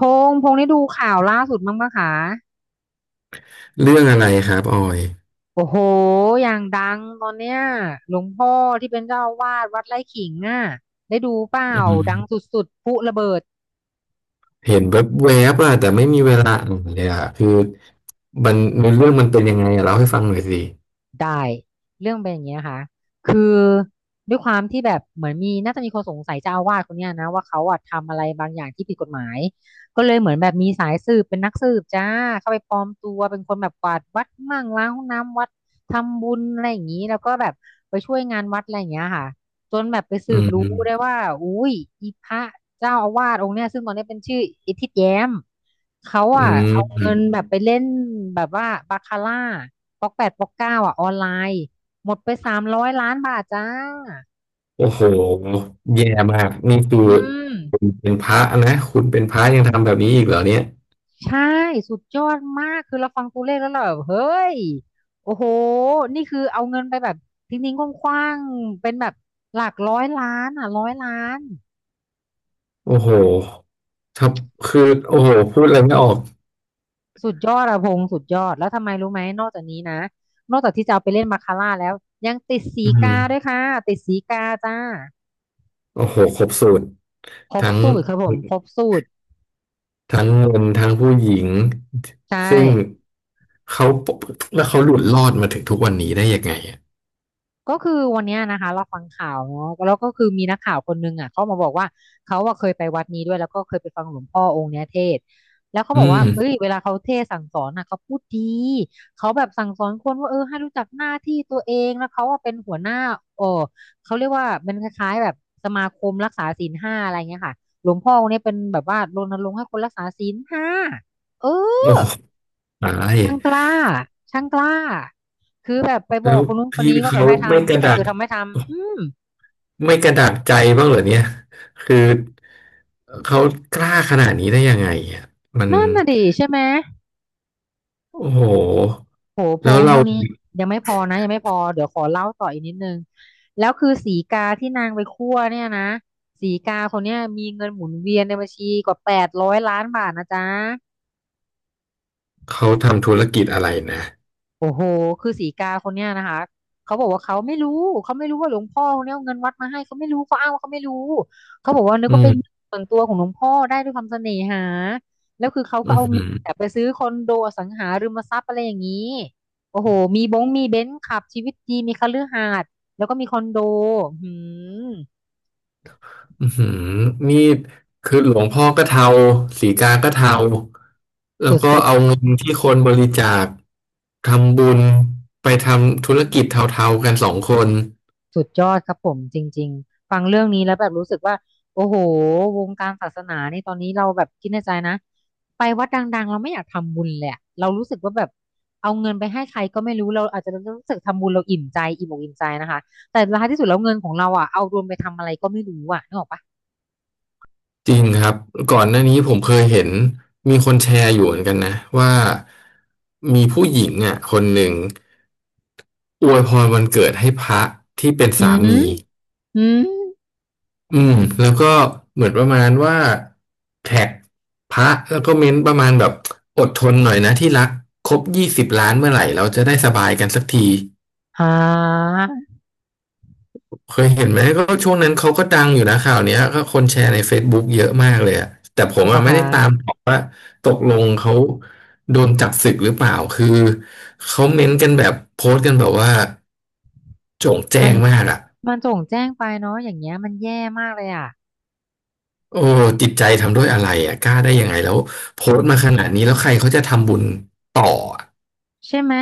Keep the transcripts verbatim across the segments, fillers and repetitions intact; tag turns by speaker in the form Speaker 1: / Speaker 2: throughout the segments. Speaker 1: พงษ์พงษ์ได้ดูข่าวล่าสุดมั้งปะคะ
Speaker 2: เรื่องอะไรครับออย
Speaker 1: โอ้โหอย่างดังตอนเนี้ยหลวงพ่อที่เป็นเจ้าอาวาสวัดไร่ขิงอ่ะได้ดูเปล่าดังสุดๆพลุระเบิด
Speaker 2: เห็นแบบแวบๆอะแต่ไม่มีเวลาอ่านเลยอะคือมันเรื่องมันเป็นยังไงอะเล่าให้ฟังหน่อยสิ
Speaker 1: ได้เรื่องเป็นอย่างเงี้ยค่ะคือด้วยความที่แบบเหมือนมีน่าจะมีคนสงสัยเจ้าอาวาสคนเนี้ยนะว่าเขาอะทำอะไรบางอย่างที่ผิดกฎหมายก็เลยเหมือนแบบมีสายสืบเป็นนักสืบจ้าเข้าไปปลอมตัวเป็นคนแบบกวาดวัดมั่งล้างห้องน้ำวัดทำบุญอะไรอย่างนี้แล้วก็แบบไปช่วยงานวัดอะไรอย่างเงี้ยค่ะ จนแบบไป
Speaker 2: อื
Speaker 1: สืบรู้ได้
Speaker 2: ม
Speaker 1: ว่าอุ้ยอีพระเจ้าอาวาสองค์เนี้ยซึ่งตอนนี้เป็นชื่ออิทธิแย้มเขา
Speaker 2: อื
Speaker 1: อ่ะเอาเงิน
Speaker 2: ม
Speaker 1: แบบไปเล่นแบบว่าบาคาร่าป๊อกแปดป๊อกเก้าอ่ะออนไลน์หมดไปสามร้อยล้านบาทจ้า
Speaker 2: โอ้โหแย่มากนี่คือ
Speaker 1: อืม
Speaker 2: คุณเป็นพระนะคุณเป็นพระยังทำแบบนี้อีกเหรอเนี่ย
Speaker 1: ใช่สุดยอดมากคือเราฟังตัวเลขแล้วเราแบบเฮ้ยโอ้โหนี่คือเอาเงินไปแบบทิ้งๆคว้างๆเป็นแบบหลักร้อยล้านอ่ะร้อยล้าน
Speaker 2: โอ้โหทับคือโอ้โหพูดอะไรไม่ออก
Speaker 1: สุดยอดอะพงษ์สุดยอดแล้วทำไมรู้ไหมนอกจากนี้นะนอกจากที่จะเอาไปเล่นมาคาร่าแล้วยังติดสี
Speaker 2: อื
Speaker 1: กา
Speaker 2: ม
Speaker 1: ด้วยค่ะติดสีกาจ้า
Speaker 2: โอ้โหครบสูตร
Speaker 1: ครบ
Speaker 2: ทั้ง
Speaker 1: สูตรครับผมครบสูตร
Speaker 2: ทั้งเงินทั้งผู้หญิง
Speaker 1: ใช่
Speaker 2: ซึ่งเขาแล้วเขาหลุดรอดมาถึงทุกวันนี้ได้ยังไงอ่ะ
Speaker 1: ก็คือวันเนี้ยนะคะเราฟังข่าวเนาะแล้วก็คือมีนักข่าวคนนึงอ่ะเขามาบอกว่าเขาอ่ะเคยไปวัดนี้ด้วยแล้วก็เคยไปฟังหลวงพ่อองค์เนี้ยเทศน์แล้วเขา
Speaker 2: อื
Speaker 1: บอกว่า
Speaker 2: ม
Speaker 1: เอ้ยเวลาเขาเทศน์สั่งสอนน่ะเขาพูดดีเขาแบบสั่งสอนคนว่าเออให้รู้จักหน้าที่ตัวเองแล้วเขาอ่ะเป็นหัวหน้าเออเขาเรียกว่าเป็นคล้ายๆแบบสมาคมรักษาศีลห้าอะไรเงี้ยค่ะหลวงพ่อองค์เนี้ยเป็นแบบว่ารณรงค์ให้คนรักษาศีลห้าเออ
Speaker 2: โอ้โหตาย
Speaker 1: ช่างกล้าช่างกล้า คือแบบไปบ
Speaker 2: แล้
Speaker 1: อก
Speaker 2: ว
Speaker 1: คนนู้นคน
Speaker 2: พี่
Speaker 1: นี้ว่าแบบ
Speaker 2: เขา
Speaker 1: ให้
Speaker 2: ไม่ก
Speaker 1: ทำ
Speaker 2: ระ
Speaker 1: แต่
Speaker 2: ดั
Speaker 1: คื
Speaker 2: ก
Speaker 1: อทำไม่ทำ อืม
Speaker 2: ไม่กระดักใจบ้างเหรอเนี่ยคือเขากล้าขนาดนี้ได้ยังไงอ่ะมัน
Speaker 1: นั่นน่ะดิใช่ไหม
Speaker 2: โอ้โห
Speaker 1: โหพ
Speaker 2: แล้ว
Speaker 1: ง
Speaker 2: เรา
Speaker 1: เท่านี้ยังไม่พอนะยังไม่พอเดี๋ยวขอเล่าต่ออีกนิดนึง แล้วคือสีกาที่นางไปคั่วเนี่ยนะ สีกาคนเนี้ยมีเงินหมุนเวียนในบัญชีกว่าแปดร้อยล้านบาทนะจ๊ะ
Speaker 2: เขาทำธุรกิจอะไรนะ
Speaker 1: โอ้โหคือสีกาคนเนี้ยนะคะเขาบอกว่าเขาไม่รู้เขาไม่รู้ว่าหลวงพ่อคนเนี้ยเอาเงินวัดมาให้เขาไม่รู้เขาอ้างว่าเขาไม่รู้เขาบอกว่านึก
Speaker 2: อื
Speaker 1: ว่าเป็น
Speaker 2: ม
Speaker 1: ส่วนตัวของหลวงพ่อได้ด้วยความเสน่หาแล้วคือเขา
Speaker 2: อื
Speaker 1: ก็เอาเงินแบบ
Speaker 2: ม
Speaker 1: ไปซื้อคอนโดอสังหาริมทรัพย์อะไรอย่างนี้โอ้โหมีบงมีเบนซ์ขับชีวิตดีมีคฤหาสน์แล้วก็มีคอนโดหืม
Speaker 2: อือหือนี่คือหลวงพ่อก็เทาสีกาก็เทา
Speaker 1: ส
Speaker 2: แล้วก็
Speaker 1: ุด
Speaker 2: เอา
Speaker 1: ๆ
Speaker 2: เงินที่คนบริจาคทำบุญไปทำธุรกิจเทาๆกันสองคน
Speaker 1: สุดยอดครับผมจริงๆฟังเรื่องนี้แล้วแบบรู้สึกว่าโอ้โหวงการศาสนานี่ตอนนี้เราแบบคิดในใจนะไปวัดดังๆเราไม่อยากทำบุญเลยอะเรารู้สึกว่าแบบเอาเงินไปให้ใครก็ไม่รู้เราอาจจะรู้สึกทำบุญเราอิ่มใจอิ่มอกอิ่มใจนะคะแต่ท้ายที่สุดแล้วเงินของเราอ่ะเอารวมไปทำอะไรก็ไม่รู้อ่ะนึกออกปะ
Speaker 2: จริงครับก่อนหน้านี้ผมเคยเห็นมีคนแชร์อยู่เหมือนกันนะว่ามีผู้หญิงอ่ะคนหนึ่งอวยพรวันเกิดให้พระที่เป็น
Speaker 1: อื
Speaker 2: สา
Speaker 1: ม
Speaker 2: มี
Speaker 1: อืม
Speaker 2: อืมแล้วก็เหมือนประมาณว่าแท็กพระแล้วก็เม้นประมาณแบบอดทนหน่อยนะที่รักครบยี่สิบล้านเมื่อไหร่เราจะได้สบายกันสักที
Speaker 1: อ่า
Speaker 2: เคยเห็นไหมก็ช่วงนั้นเขาก็ดังอยู่นะข่าวเนี้ยก็คนแชร์ใน เฟซบุ๊ก เยอะมากเลยอะแต่ผม
Speaker 1: เหรอ
Speaker 2: อะไม่
Speaker 1: คะ
Speaker 2: ได้ตามหรอกว่าตกลงเขาโดนจับสึกหรือเปล่าคือเขาเม้นกันแบบโพสต์กันแบบว่าโจ่งแจ้
Speaker 1: มัน
Speaker 2: งมากอะ
Speaker 1: มันโจ่งแจ้งไปเนาะอย่างเงี้ยมันแย่มากเลยอ่ะ
Speaker 2: โอ้จิตใจทำด้วยอะไรอ่ะกล้าได้ยังไงแล้วโพสต์มาขนาดนี้แล้วใครเขาจะทำบุญต่ออะ
Speaker 1: ใช่ไหม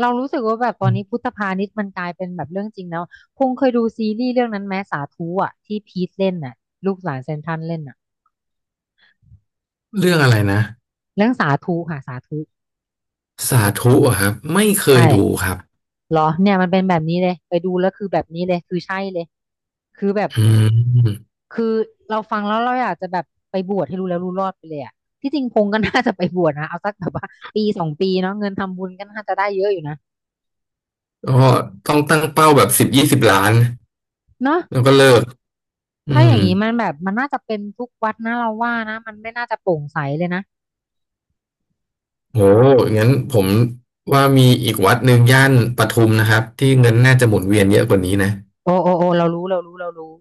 Speaker 1: เรารู้สึกว่าแบบตอนนี้พุทธพาณิชย์มันกลายเป็นแบบเรื่องจริงแล้วพง์เคยดูซีรีส์เรื่องนั้นไหมสาธุอ่ะที่พีทเล่นน่ะลูกหลานเซนทรัลเล่นน่ะ
Speaker 2: เรื่องอะไรนะ
Speaker 1: เรื่องสาธุค่ะสาธุ
Speaker 2: สาธุอะครับไม่เคย
Speaker 1: ใช่
Speaker 2: ดูครับ
Speaker 1: เหรอเนี่ยมันเป็นแบบนี้เลยไปดูแล้วคือแบบนี้เลยคือใช่เลยคือแบบ
Speaker 2: อืม
Speaker 1: คือเราฟังแล้วเราอยากจะแบบไปบวชให้รู้แล้วรู้รอดไปเลยอ่ะที่จริงพง์ก็น่าจะไปบวชนะเอาสักแบบว่าปีสองปีเนาะเงินทำบุญก็น่าจะได้เยอะอยู่นะ
Speaker 2: ก็ต้องตั้งเป้าแบบสิบยี่สิบล้าน
Speaker 1: เนาะ
Speaker 2: แล้วก็เลิกอื
Speaker 1: ถ้าอ
Speaker 2: ม
Speaker 1: ย่างนี้มันแบบมันน่าจะเป็นทุกวัดนะเราว่านะมันไม่น่าจะโปร่งใสเลยนะ
Speaker 2: โหงั้นผมว่ามีอีกวัดหนึ่งย่านปทุมนะครับที่เงินน่าจะหมุนเวียนเยอะกว่านี้นะ
Speaker 1: โอ้โอ้โอ้เรารู้เรารู้เรารู้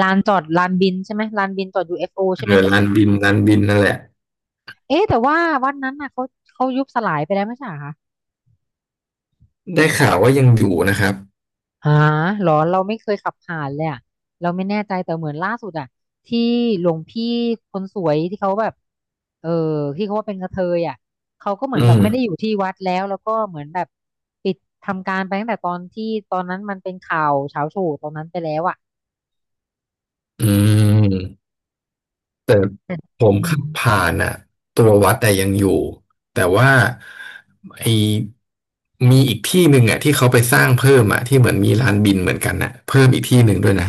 Speaker 1: ลานจอดลานบินใช่ไหมลานบินจอด ยู เอฟ โอ ใช่
Speaker 2: เอ
Speaker 1: ไหม
Speaker 2: อลานบินลานบินนั่นแหละ
Speaker 1: เอ๊ะแต่ว่าวันนั้นน่ะเขาเขายุบสลายไปแล้วไม่ใช่เหรอคะ
Speaker 2: ได้ข่าวว่ายังอยู่นะครับ
Speaker 1: หาหรอเราไม่เคยขับผ่านเลยอะเราไม่แน่ใจแต่เหมือนล่าสุดอะที่หลวงพี่คนสวยที่เขาแบบเออที่เขาว่าเป็นกระเทยอะเขาก็เหมือ
Speaker 2: อื
Speaker 1: นแบบ
Speaker 2: ม
Speaker 1: ไม่ได้อยู่ที่วัดแล้วแล้วก็เหมือนแบบปิดทำการไปตั้งแต่ตอนที่ตอนนั้นมันเป็นข่าวเช้าโชว์ตอนนั้นไปแล้วอะ
Speaker 2: อืม แต่
Speaker 1: แต่
Speaker 2: ผม
Speaker 1: อื
Speaker 2: ขั
Speaker 1: ม
Speaker 2: บผ่านอ่ะตัววัดแต่ยังอยู่ แต่ว่าไอมีอีกที่หนึ่งอ่ะที่เขาไปสร้างเพิ่มอ่ะที่เหมือนมีลานบินเหมือนกันน่ะเพิ่มอีกที่หนึ่งด้วยนะ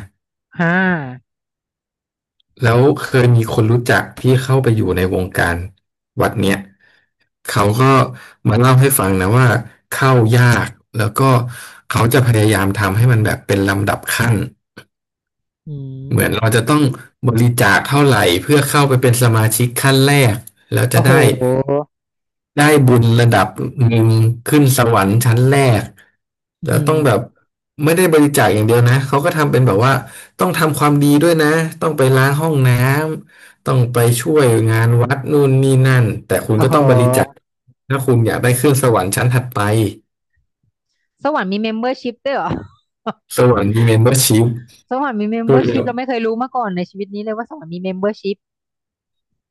Speaker 1: ฮ่า
Speaker 2: แล้วเคยมีคนรู้จักที่เข้าไปอยู่ในวงการวัดเนี้ยเขาก็มาเล่าให้ฟังนะว่าเข้ายากแล้วก็เขาจะพยายามทำให้มันแบบเป็นลำดับขั้น
Speaker 1: อื
Speaker 2: เหมือ
Speaker 1: ม
Speaker 2: นเราจะต้องบริจาคเท่าไหร่เพื่อเข้าไปเป็นสมาชิกขั้นแรกแล้วจะ
Speaker 1: โอ้โห
Speaker 2: ได้ ได้บุญระดับหนึ่งขึ้นสวรรค์ชั้นแรก
Speaker 1: อื
Speaker 2: แต่ต้องแบบ
Speaker 1: ม
Speaker 2: ไม่ได้บริจาคอย่างเดียวนะเขาก็ทำเป็นแบบว่าต้องทำความดีด้วยนะต้องไปล้างห้องน้ำต้องไปช่วยงานวัดนู่นนี่นั่นแต่คุณ
Speaker 1: โอ้
Speaker 2: ก็
Speaker 1: โห
Speaker 2: ต้องบริจาคถ้าคุณอยากได้ขึ้นสวรรค์ชั้นถัดไป
Speaker 1: สวรรค์มีเมมเบอร์ชิพด้วยเหรอ
Speaker 2: สวรรค์มีเมมเบอร์ชิพ
Speaker 1: สวรรค์มีเมมเบ
Speaker 2: คื
Speaker 1: อร์ชิพเรา
Speaker 2: อ
Speaker 1: ไม่เคยรู้มาก่อนในชีวิตนี้เลยว่าสวรรค์มีเมมเบอร์ชิพ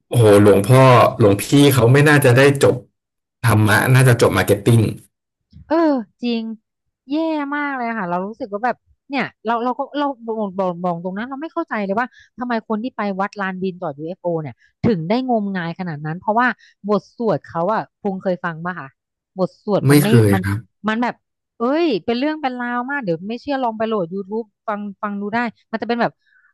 Speaker 2: โอ้โหหลวงพ่อหลวงพี่เขาไม่น่าจะได้จบธรรมะน่าจะจบมาร์เก็ตติ้ง
Speaker 1: เออจริงแย่มากเลยค่ะเรารู้สึกว่าแบบเนี่ยเราเราก็เราบอกบอกบอกตรงนั้นเราไม่เข้าใจเลยว่าทำไมคนที่ไปวัดลานบินต่อ ยู เอฟ โอ เอฟโอเนี่ยถึงได้งมงายขนาดนั้นเพราะว่าบทสวดเขาอะพงษ์เคยฟังป่ะคะบทสวดมัน
Speaker 2: ไม่
Speaker 1: ไม่
Speaker 2: เคย
Speaker 1: มัน
Speaker 2: ครับ
Speaker 1: มันแบบเอ้ยเป็นเรื่องเป็นราวมากเดี๋ยวไม่เชื่อลองไปโหลด YouTube ฟังฟังดูได้มันจะเป็นแบบ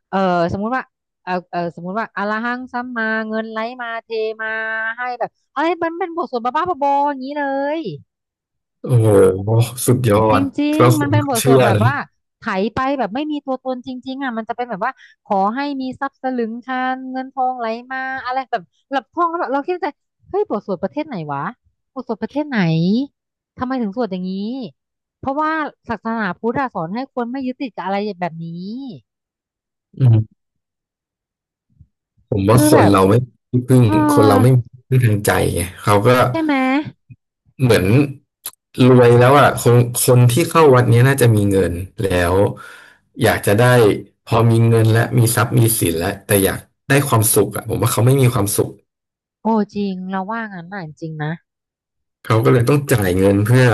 Speaker 1: เออสมมุติว่าเออเออสมมุติว่าอะระหังสัมมาเงินไหลมาเทมาให้แบบอะไรมันเป็นบทสวดบ้าๆบอๆอย่างนี้เลย
Speaker 2: โอ้โหสุดยอ
Speaker 1: จ
Speaker 2: ด
Speaker 1: ริง
Speaker 2: เรา
Speaker 1: ๆ มั
Speaker 2: คุ
Speaker 1: นเป็น
Speaker 2: ก็
Speaker 1: บทส
Speaker 2: เชื่
Speaker 1: วด
Speaker 2: อ
Speaker 1: แบบ
Speaker 2: นะ
Speaker 1: ว่าไถไปแบบไม่มีตัวตนจริงๆอ่ะมันจะเป็นแบบว่าขอให้มีทรัพย์สลึงคานเงินทองไหลมาอะไรแบบหลับท่องแล้วแบบเราคิดในใจเฮ้ยบทสวดประเทศไหนวะบทสวดประเทศไหนทำไมถึงสวดอย่างนี้เพราะว่าศาสนาพุทธอะสอนให้คนไม่ยึดติดกับอะไรแบบนี้
Speaker 2: อืมผมว่า
Speaker 1: คือ
Speaker 2: ค
Speaker 1: แบ
Speaker 2: น
Speaker 1: บ
Speaker 2: เราไม่มีที่พึ่ง
Speaker 1: เออ
Speaker 2: คนเราไม่มีที่พึ่งทางใจไงเขาก็
Speaker 1: ใช่ไหม
Speaker 2: เหมือนรวยแล้วอ่ะคนคนที่เข้าวัดเนี้ยน่าจะมีเงินแล้วอยากจะได้พอมีเงินและมีทรัพย์มีสินแล้วแต่อยากได้ความสุขอ่ะผมว่าเขาไม่มีความสุข
Speaker 1: โอ้จริงเราว่างั้นน่ะจริงๆนะ
Speaker 2: เขาก็เลยต้องจ่ายเงินเพื่อ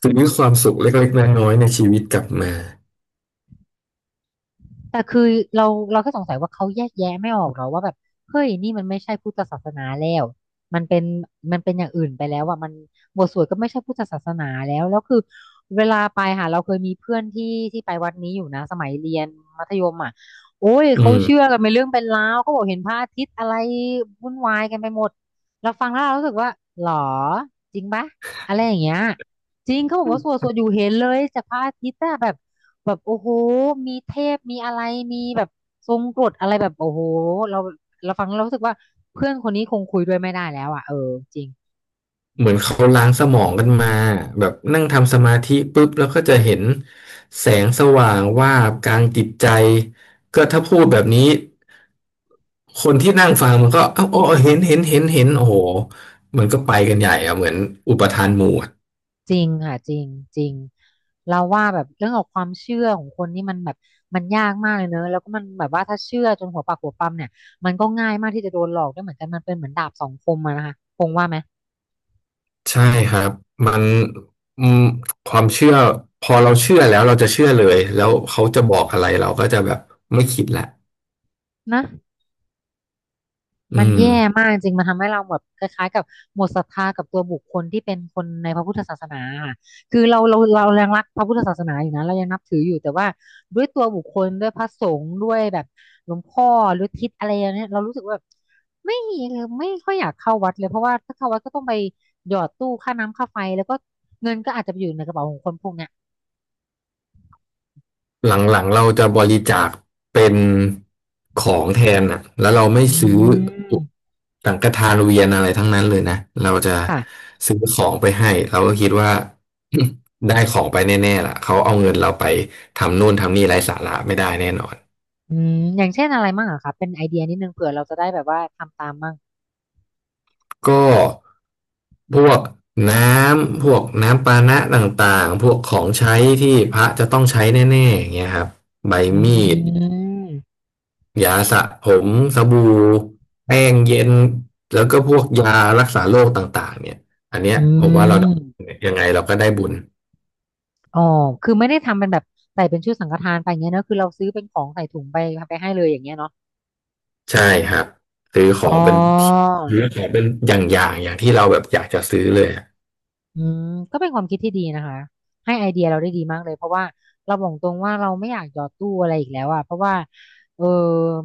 Speaker 2: ซื้อความสุขเล็กๆน้อยๆในชีวิตกลับมา
Speaker 1: แต่คือเราเราก็สงสัยว่าเขาแยกแยะไม่ออกหรอว่าแบบเฮ้ยนี่มันไม่ใช่พุทธศาสนาแล้วมันเป็นมันเป็นอย่างอื่นไปแล้วอ่ะมันบทสวดก็ไม่ใช่พุทธศาสนาแล้วแล้วคือเวลาไปค่ะเราเคยมีเพื่อนที่ที่ไปวัดนี้อยู่นะสมัยเรียนมัธยมอ่ะโอ้ย
Speaker 2: อื
Speaker 1: เขา
Speaker 2: ม
Speaker 1: เชื่อกันเป็นเรื่องเป็นราวเขาบอกเห็นพระอาทิตย์อะไรวุ่นวายกันไปหมดเราฟังแล้วเรารู้สึกว่าหรอจริงปะอะไรอย่างเงี้ย จริงเขาบอกว่าสวดสวดอยู่เห็นเลยจากพระอาทิตย์อะแบบแบบโอ้โหมีเทพมีอะไรมีแบบทรงกรดอะไรแบบโอ้โหเราเราฟังแล้วเรารู้สึกว่าเพื่อนคนนี้คงคุยด้วยไม่ได้แล้วอ่ะเออจริง
Speaker 2: เหมือนเขาล้างสมองกันมาแบบนั่งทำสมาธิปุ๊บแล้วก็จะเห็นแสงสว่างวาบกลางจิตใจก็ถ้าพูดแบบนี้คนที่นั่งฟังมันก็เอ้าอ๋อเห็นเห็นเห็นเห็นโอ้โหมันก็ไปกันใหญ่อะเหมือนอุปทานหมู่อะ
Speaker 1: จริงค่ะจริงจริงเราว่าแบบเรื่องของความเชื่อของคนนี่มันแบบมันยากมากเลยเนอะแล้วก็มันแบบว่าถ้าเชื่อจนหัวปักหัวปั๊มเนี่ยมันก็ง่ายมากที่จะโดนหลอกด้วยเหมือนกันมันเป็นเหมือนดาบสองคมอะนะคะคงว่าไหม
Speaker 2: ใช่ครับมันอืมความเชื่อพอเราเชื่อแล้วเราจะเชื่อเลยแล้วเขาจะบอกอะไรเราก็จะแบบไม่คิดละ
Speaker 1: นะ
Speaker 2: อื
Speaker 1: มัน
Speaker 2: ม
Speaker 1: แย่มากจริง มันทำให้เราแบบคล้ายๆกับหมดศรัทธากับตัวบุคคลที่เป็นคนในพระพุทธศาสนาค่ะคือเราเราเรายังรักพระพุทธศาสนาอยู่นะเรายังนับถืออยู่ แต่ว่าด้วยตัวบุคคลด้วยพระสงฆ์ด้วยแบบหลวงพ่อหรือทิศอะไรอย่างเนี้ยเรารู้สึกว่าแบบไม่ไม่ค่อยอยากเข้าวัดเลย เพราะว่าถ้าเข้าวัดก็ต้องไปหยอดตู้ค่าน้ำค่าไฟแล้วก็เงินก็อาจจะไปอยู่ในกระเป๋าของคนพวกเนี้ย
Speaker 2: หลังๆเราจะบริจาคเป็นของแทนอ่ะแล้วเราไม่
Speaker 1: อื
Speaker 2: ซื้อ
Speaker 1: ม
Speaker 2: สังฆทานเวียนอะไรทั้งนั้นเลยนะเราจะ
Speaker 1: ค่ะ
Speaker 2: ซื้อของไปให้เราก็คิดว่า ได้ของไปแน่ๆล่ะเขาเอาเงินเราไปทำนู่นทำนี่ไร้สาระไม่ได้แน่นอน
Speaker 1: อืมอย่างเช่นอะไรมั่งอะคะเป็นไอเดียนิดนึงเผื่อเราจะได้แบบว่าทำตามมั่ง
Speaker 2: ก็พวกน้ำพวกน้ำปานะต่างๆพวกของใช้ที่พระจะต้องใช้แน่ๆอย่างเงี้ยครับใบ
Speaker 1: อ
Speaker 2: มีด
Speaker 1: ืม
Speaker 2: ยาสระผมสบู่แป้งเย็นแล้วก็พวกยารักษาโรคต่างๆเนี่ยอันเนี้ย
Speaker 1: อื
Speaker 2: ผมว่าเรา
Speaker 1: ม
Speaker 2: ยังไงเราก็ได้บุญ
Speaker 1: อ๋อคือไม่ได้ทำเป็นแบบใส่เป็นชุดสังฆทานไปอย่างเงี้ยเนอะคือเราซื้อเป็นของใส่ถุงไปไปให้เลยอย่างเงี้ยเนาะ
Speaker 2: ใช่ครับซื้อขอ
Speaker 1: อ๋
Speaker 2: ง
Speaker 1: อ
Speaker 2: เป็นซื้อของเป็นอย่างๆอย่างที่เราแบบอยากจะซื้อเลยอะ
Speaker 1: อืมก็เป็นความคิดที่ดีนะคะ ให้ไอเดียเราได้ดีมากเลย เพราะว่าเราบอกตรงว่าเราไม่อยากหยอดตู้อะไรอีกแล้วอะเพราะว่าเออ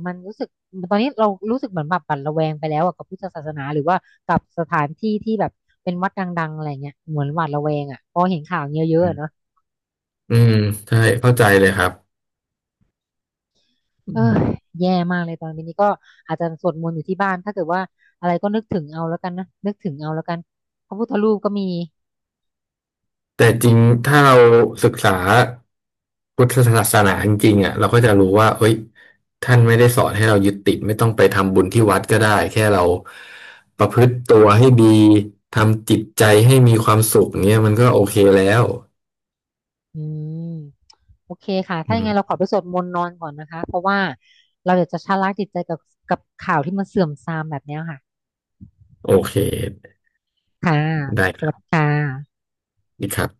Speaker 1: มันรู้สึกตอนนี้เรารู้สึกเหมือนแบบหวั่นระแวงไปแล้วอะกับพุทธศาสนาหรือว่ากับสถานที่ที่แบบเป็นวัดดังๆอะไรเงี้ยเหมือนหวาดระแวงอะพอเห็นข่าวเยอะๆเนอะ
Speaker 2: อืมใช่เข้าใจเลยครับ
Speaker 1: เออแย่มากเลยตอนนี้ก็อาจจะสวดมนต์อยู่ที่บ้านถ้าเกิดว่าอะไรก็นึกถึงเอาแล้วกันนะนึกถึงเอาแล้วกันพระพุทธรูปก็มี
Speaker 2: แต่จริงถ้าเราศึกษาพุทธศาสนาจริงๆอ่ะเราก็จะรู้ว่าเอ้ยท่านไม่ได้สอนให้เรายึดติดไม่ต้องไปทำบุญที่วัดก็ได้แค่เราประพฤติตัวให้ดีทำจิตใจให้มีความสุขเนี่ยมันก็โอเคแล้ว
Speaker 1: อืมโอเคค่ะ
Speaker 2: อื
Speaker 1: ถ้ายังไง
Speaker 2: ม
Speaker 1: เราขอไปสวดมนต์นอนก่อนนะคะเพราะว่าเราอยากจะชะล้างจิตใจกับกับข่าวที่มันเสื่อมทรามแบบเนี้ยค่ะ
Speaker 2: โอเค
Speaker 1: ค่ะ
Speaker 2: ได้
Speaker 1: ส
Speaker 2: ค
Speaker 1: วั
Speaker 2: รั
Speaker 1: ส
Speaker 2: บ
Speaker 1: ดีค่ะ
Speaker 2: ดีครับ